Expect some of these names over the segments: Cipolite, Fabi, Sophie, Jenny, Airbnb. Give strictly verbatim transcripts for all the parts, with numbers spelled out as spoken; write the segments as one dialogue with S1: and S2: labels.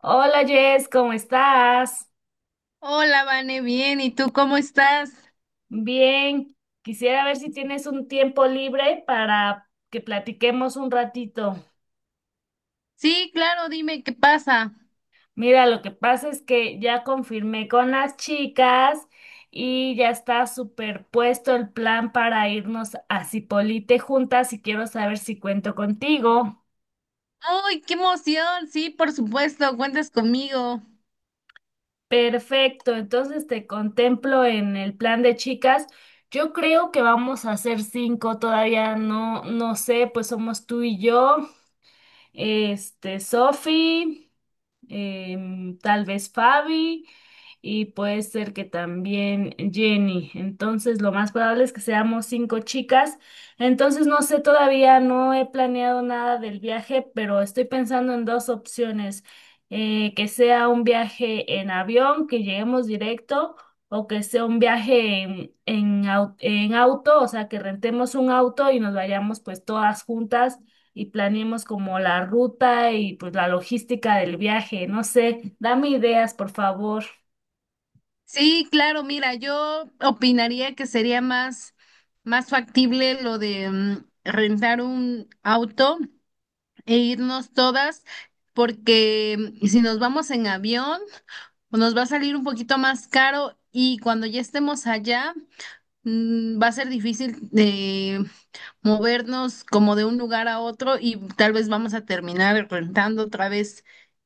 S1: Hola Jess, ¿cómo estás?
S2: Hola, Vane, bien, ¿y tú cómo estás?
S1: Bien, quisiera ver si tienes un tiempo libre para que platiquemos un ratito.
S2: Sí, claro, dime qué pasa.
S1: Mira, lo que pasa es que ya confirmé con las chicas y ya está superpuesto el plan para irnos a Cipolite juntas y quiero saber si cuento contigo.
S2: ¡Ay, qué emoción! Sí, por supuesto, cuentas conmigo.
S1: Perfecto, entonces te contemplo en el plan de chicas. Yo creo que vamos a hacer cinco, todavía no, no sé, pues somos tú y yo. Este, Sophie, em, tal vez Fabi y puede ser que también Jenny. Entonces, lo más probable es que seamos cinco chicas. Entonces, no sé, todavía no he planeado nada del viaje, pero estoy pensando en dos opciones. Eh, que sea un viaje en avión, que lleguemos directo, o que sea un viaje en, en au- en auto, o sea, que rentemos un auto y nos vayamos pues todas juntas y planeemos como la ruta y pues la logística del viaje. No sé, dame ideas, por favor.
S2: Sí, claro, mira, yo opinaría que sería más, más factible lo de mm, rentar un auto e irnos todas, porque mm, si nos vamos en avión, pues nos va a salir un poquito más caro y cuando ya estemos allá, mm, va a ser difícil movernos como de un lugar a otro y tal vez vamos a terminar rentando otra vez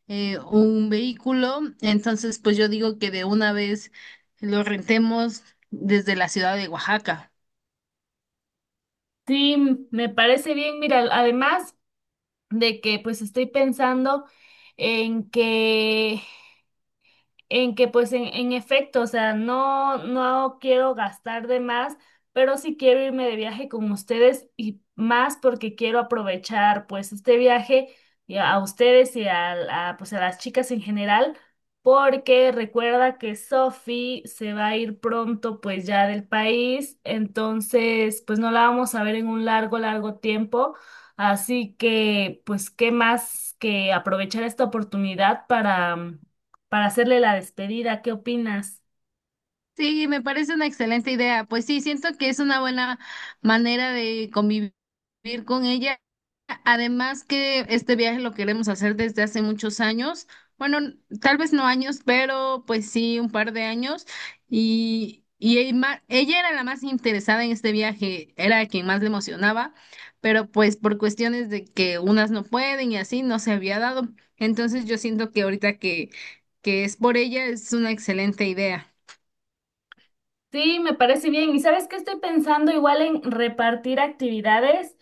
S2: eh, un vehículo. Entonces, pues yo digo que de una vez lo rentemos desde la ciudad de Oaxaca.
S1: Sí, me parece bien. Mira, además de que pues estoy pensando en que en que pues en, en efecto, o sea, no, no quiero gastar de más, pero sí quiero irme de viaje con ustedes y más porque quiero aprovechar pues este viaje y a, a ustedes y a, a, pues a las chicas en general, porque recuerda que Sophie se va a ir pronto pues ya del país, entonces pues no la vamos a ver en un largo, largo tiempo. Así que, pues, ¿qué más que aprovechar esta oportunidad para, para hacerle la despedida. ¿Qué opinas?
S2: Sí, me parece una excelente idea. Pues sí, siento que es una buena manera de convivir con ella. Además que este viaje lo queremos hacer desde hace muchos años. Bueno, tal vez no años, pero pues sí, un par de años. Y, y el ma- ella era la más interesada en este viaje, era quien más le emocionaba, pero pues por cuestiones de que unas no pueden y así no se había dado. Entonces yo siento que ahorita que, que es por ella es una excelente idea.
S1: Sí, me parece bien. ¿Y sabes qué estoy pensando? Igual en repartir actividades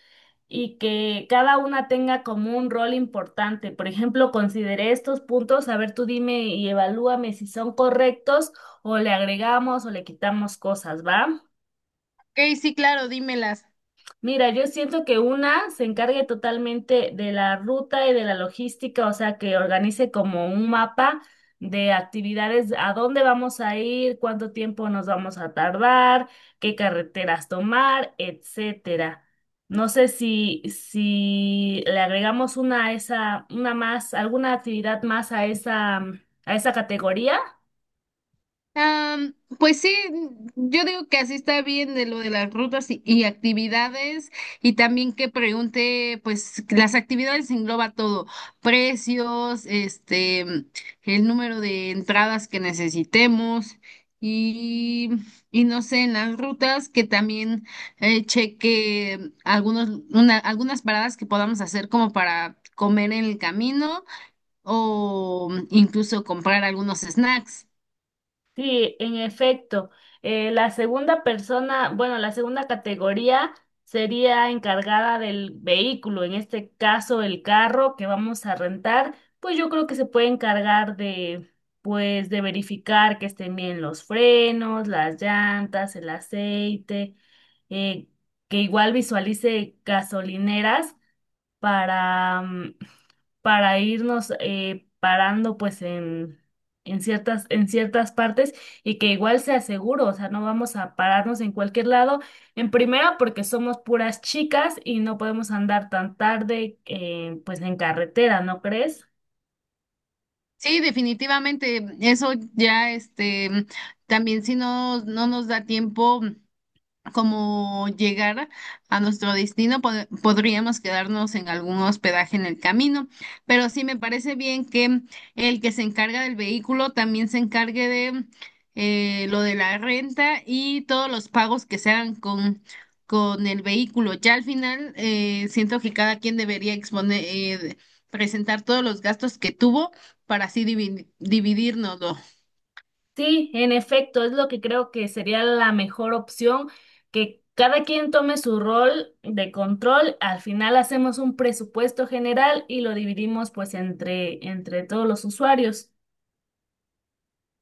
S1: y que cada una tenga como un rol importante. Por ejemplo, consideré estos puntos. A ver, tú dime y evalúame si son correctos o le agregamos o le quitamos cosas, ¿va?
S2: Ok, sí, claro, dímelas.
S1: Mira, yo siento que una se encargue totalmente de la ruta y de la logística, o sea, que organice como un mapa de actividades, a dónde vamos a ir, cuánto tiempo nos vamos a tardar, qué carreteras tomar, etcétera. No sé si, si le agregamos una a esa, una más, alguna actividad más a esa, a esa categoría.
S2: Am, pues sí, yo digo que así está bien de lo de las rutas y, y actividades y también que pregunte, pues las actividades engloba todo, precios, este, el número de entradas que necesitemos y, y no sé, en las rutas que también eh, cheque algunos, una- algunas paradas que podamos hacer como para comer en el camino, o mm, incluso comprar algunos snacks.
S1: Sí, en efecto. Eh, la segunda persona, bueno, la segunda categoría sería encargada del vehículo, en este caso el carro que vamos a rentar, pues yo creo que se puede encargar de, pues, de verificar que estén bien los frenos, las llantas, el aceite, eh, que igual visualice gasolineras para, mm, para irnos eh, parando pues en, en ciertas, en ciertas partes y que igual sea seguro, o sea, no vamos a pararnos en cualquier lado. En primera, porque somos puras chicas y no podemos andar tan tarde eh, pues en carretera, ¿no crees?
S2: Sí, definitivamente, eso ya, este, mm, también si no, no nos da tiempo como llegar a nuestro destino, pod- podríamos quedarnos en algún hospedaje en el camino, pero sí me parece bien que el que se encarga del vehículo también se encargue de eh, lo de la renta y todos los pagos que se hagan con, con el vehículo. Ya al final, eh, siento que cada quien debería exponer, eh, presentar todos los gastos que tuvo para así dividirnos.
S1: Sí, en efecto, es lo que creo que sería la mejor opción, que cada quien tome su rol de control, al final hacemos un presupuesto general y lo dividimos pues entre, entre todos los usuarios.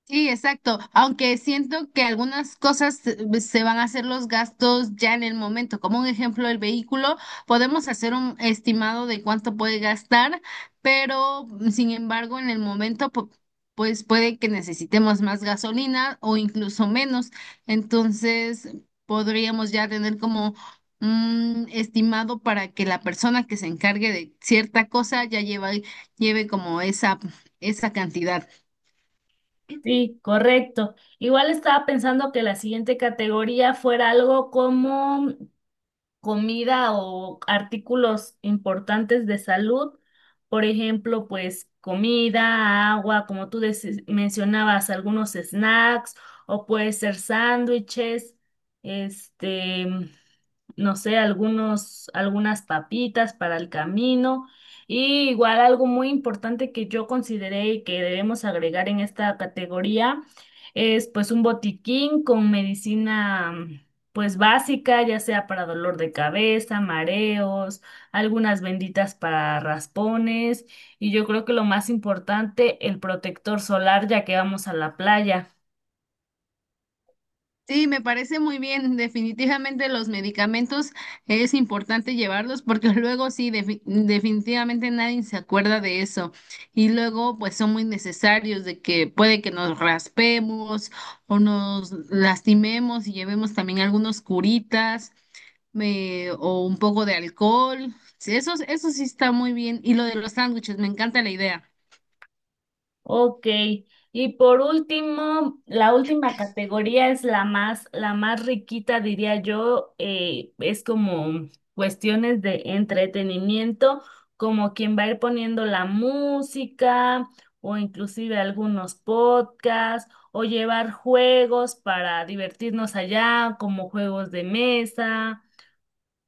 S2: Sí, exacto. Aunque siento que algunas cosas se se van a hacer los gastos ya en el momento. Como un ejemplo, el vehículo, podemos hacer un estimado de cuánto puede gastar, pero mm, sin embargo, en el momento, pu- pues puede que necesitemos más gasolina o incluso menos. Entonces, podríamos ya tener como un estimado para que la persona que se encargue de cierta cosa ya lleva, lleve como esa, esa cantidad.
S1: Sí, correcto. Igual estaba pensando que la siguiente categoría fuera algo como comida o artículos importantes de salud, por ejemplo, pues comida, agua, como tú deci- mencionabas, algunos snacks o puede ser sándwiches, este, no sé, algunos, algunas papitas para el camino. Y igual algo muy importante que yo consideré y que debemos agregar en esta categoría es pues un botiquín con medicina pues básica, ya sea para dolor de cabeza, mareos, algunas benditas para raspones y yo creo que lo más importante, el protector solar ya que vamos a la playa.
S2: Sí, me parece muy bien. Definitivamente los medicamentos es importante llevarlos porque luego sí, defi- definitivamente nadie se acuerda de eso. Y luego pues son muy necesarios de que puede que nos raspemos o nos lastimemos y llevemos también algunos curitas me- o un poco de alcohol. Sí, eso, eso sí está muy bien. Y lo de los sándwiches, me encanta la idea.
S1: Ok, y por último, la última categoría es la más, la más riquita, diría yo, eh, es como cuestiones de entretenimiento, como quien va a ir poniendo la música o inclusive algunos podcasts o llevar juegos para divertirnos allá, como juegos de mesa.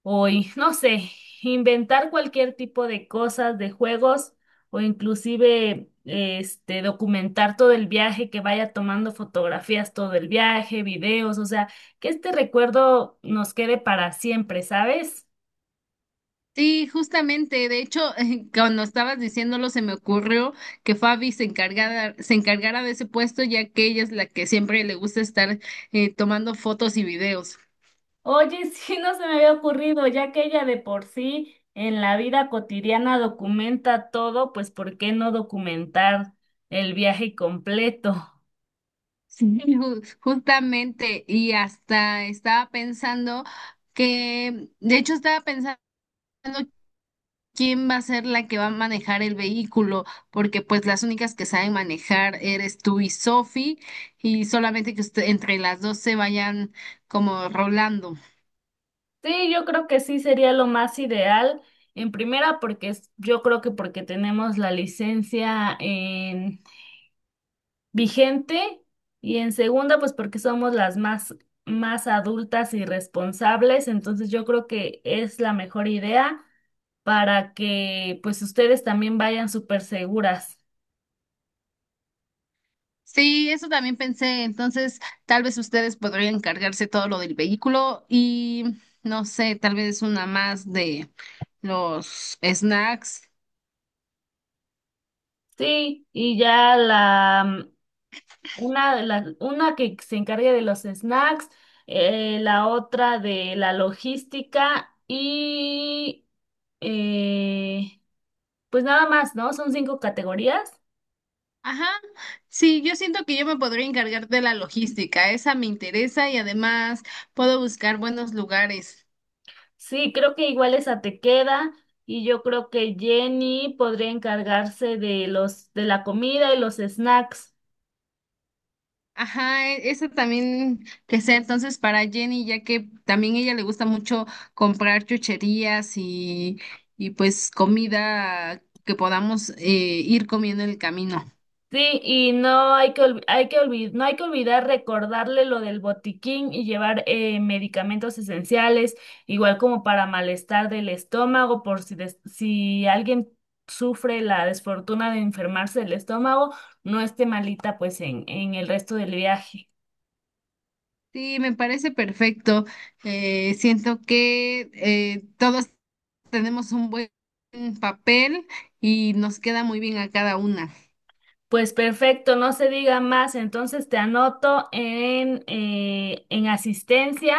S1: Hoy, no sé, inventar cualquier tipo de cosas, de juegos o inclusive este documentar todo el viaje, que vaya tomando fotografías todo el viaje, videos, o sea, que este recuerdo nos quede para siempre, ¿sabes?
S2: Sí, justamente, de hecho, cuando estabas diciéndolo se me ocurrió que Fabi se encargara, se encargara de ese puesto, ya que ella es la que siempre le gusta estar eh, tomando fotos y videos.
S1: Oye, sí, no se me había ocurrido, ya que ella de por sí en la vida cotidiana documenta todo, pues ¿por qué no documentar el viaje completo?
S2: Sí, ju- justamente, y hasta estaba pensando que, de hecho, estaba pensando quién va a ser la que va a manejar el vehículo, porque pues las únicas que saben manejar eres tú y Sophie, y solamente que usted- entre las dos se vayan como rolando.
S1: Sí, yo creo que sí sería lo más ideal. En primera, porque es- yo creo que porque tenemos la licencia en vigente y en segunda, pues porque somos las más más adultas y responsables. Entonces, yo creo que es la mejor idea para que pues ustedes también vayan súper seguras.
S2: Sí, eso también pensé. Entonces, tal vez ustedes podrían encargarse todo lo del vehículo y no sé, tal vez una más de los snacks.
S1: Sí, y ya la Una, de las- una que se encargue de los snacks, eh, la otra de la logística y eh, pues nada más, ¿no? Son cinco categorías.
S2: Ajá. Sí, yo siento que yo me podría encargar de la logística. Esa me interesa y además puedo buscar buenos lugares.
S1: Sí, creo que igual esa te queda y yo creo que Jenny podría encargarse de los de la comida y los snacks.
S2: Ajá, e- eso también que sea entonces para Jenny, ya que también ella le gusta mucho comprar chucherías y, y pues comida que podamos eh, ir comiendo en el camino.
S1: Sí, y no hay que, olvi- hay que olvi- no hay que olvidar recordarle lo del botiquín y llevar eh, medicamentos esenciales, igual como para malestar del estómago, por si, des- si alguien sufre la desfortuna de enfermarse del estómago, no esté malita pues en, en el resto del viaje.
S2: Sí, me parece perfecto. Eh, siento que eh, todos tenemos un buen papel y nos queda muy bien a cada una.
S1: Pues perfecto, no se diga más. Entonces te anoto en, eh, en asistencia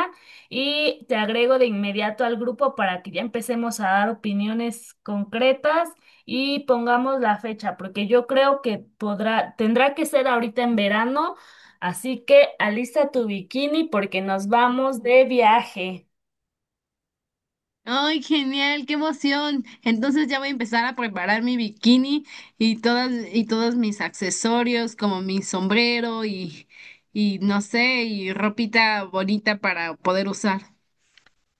S1: y te agrego de inmediato al grupo para que ya empecemos a dar opiniones concretas y pongamos la fecha, porque yo creo que podrá, tendrá que ser ahorita en verano, así que alista tu bikini porque nos vamos de viaje.
S2: Ay, genial, qué emoción. Entonces ya voy a empezar a preparar mi bikini y todas y todos mis accesorios, como mi sombrero y y no sé, y ropita bonita para poder usar.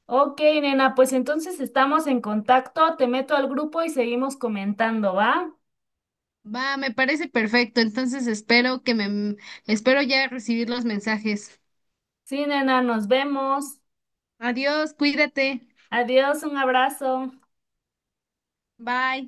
S1: Ok, nena, pues entonces estamos en contacto, te meto al grupo y seguimos comentando, ¿va?
S2: Va, me parece perfecto. Entonces espero que me espero ya recibir los mensajes.
S1: Sí, nena, nos vemos.
S2: Adiós, cuídate.
S1: Adiós, un abrazo.
S2: Bye.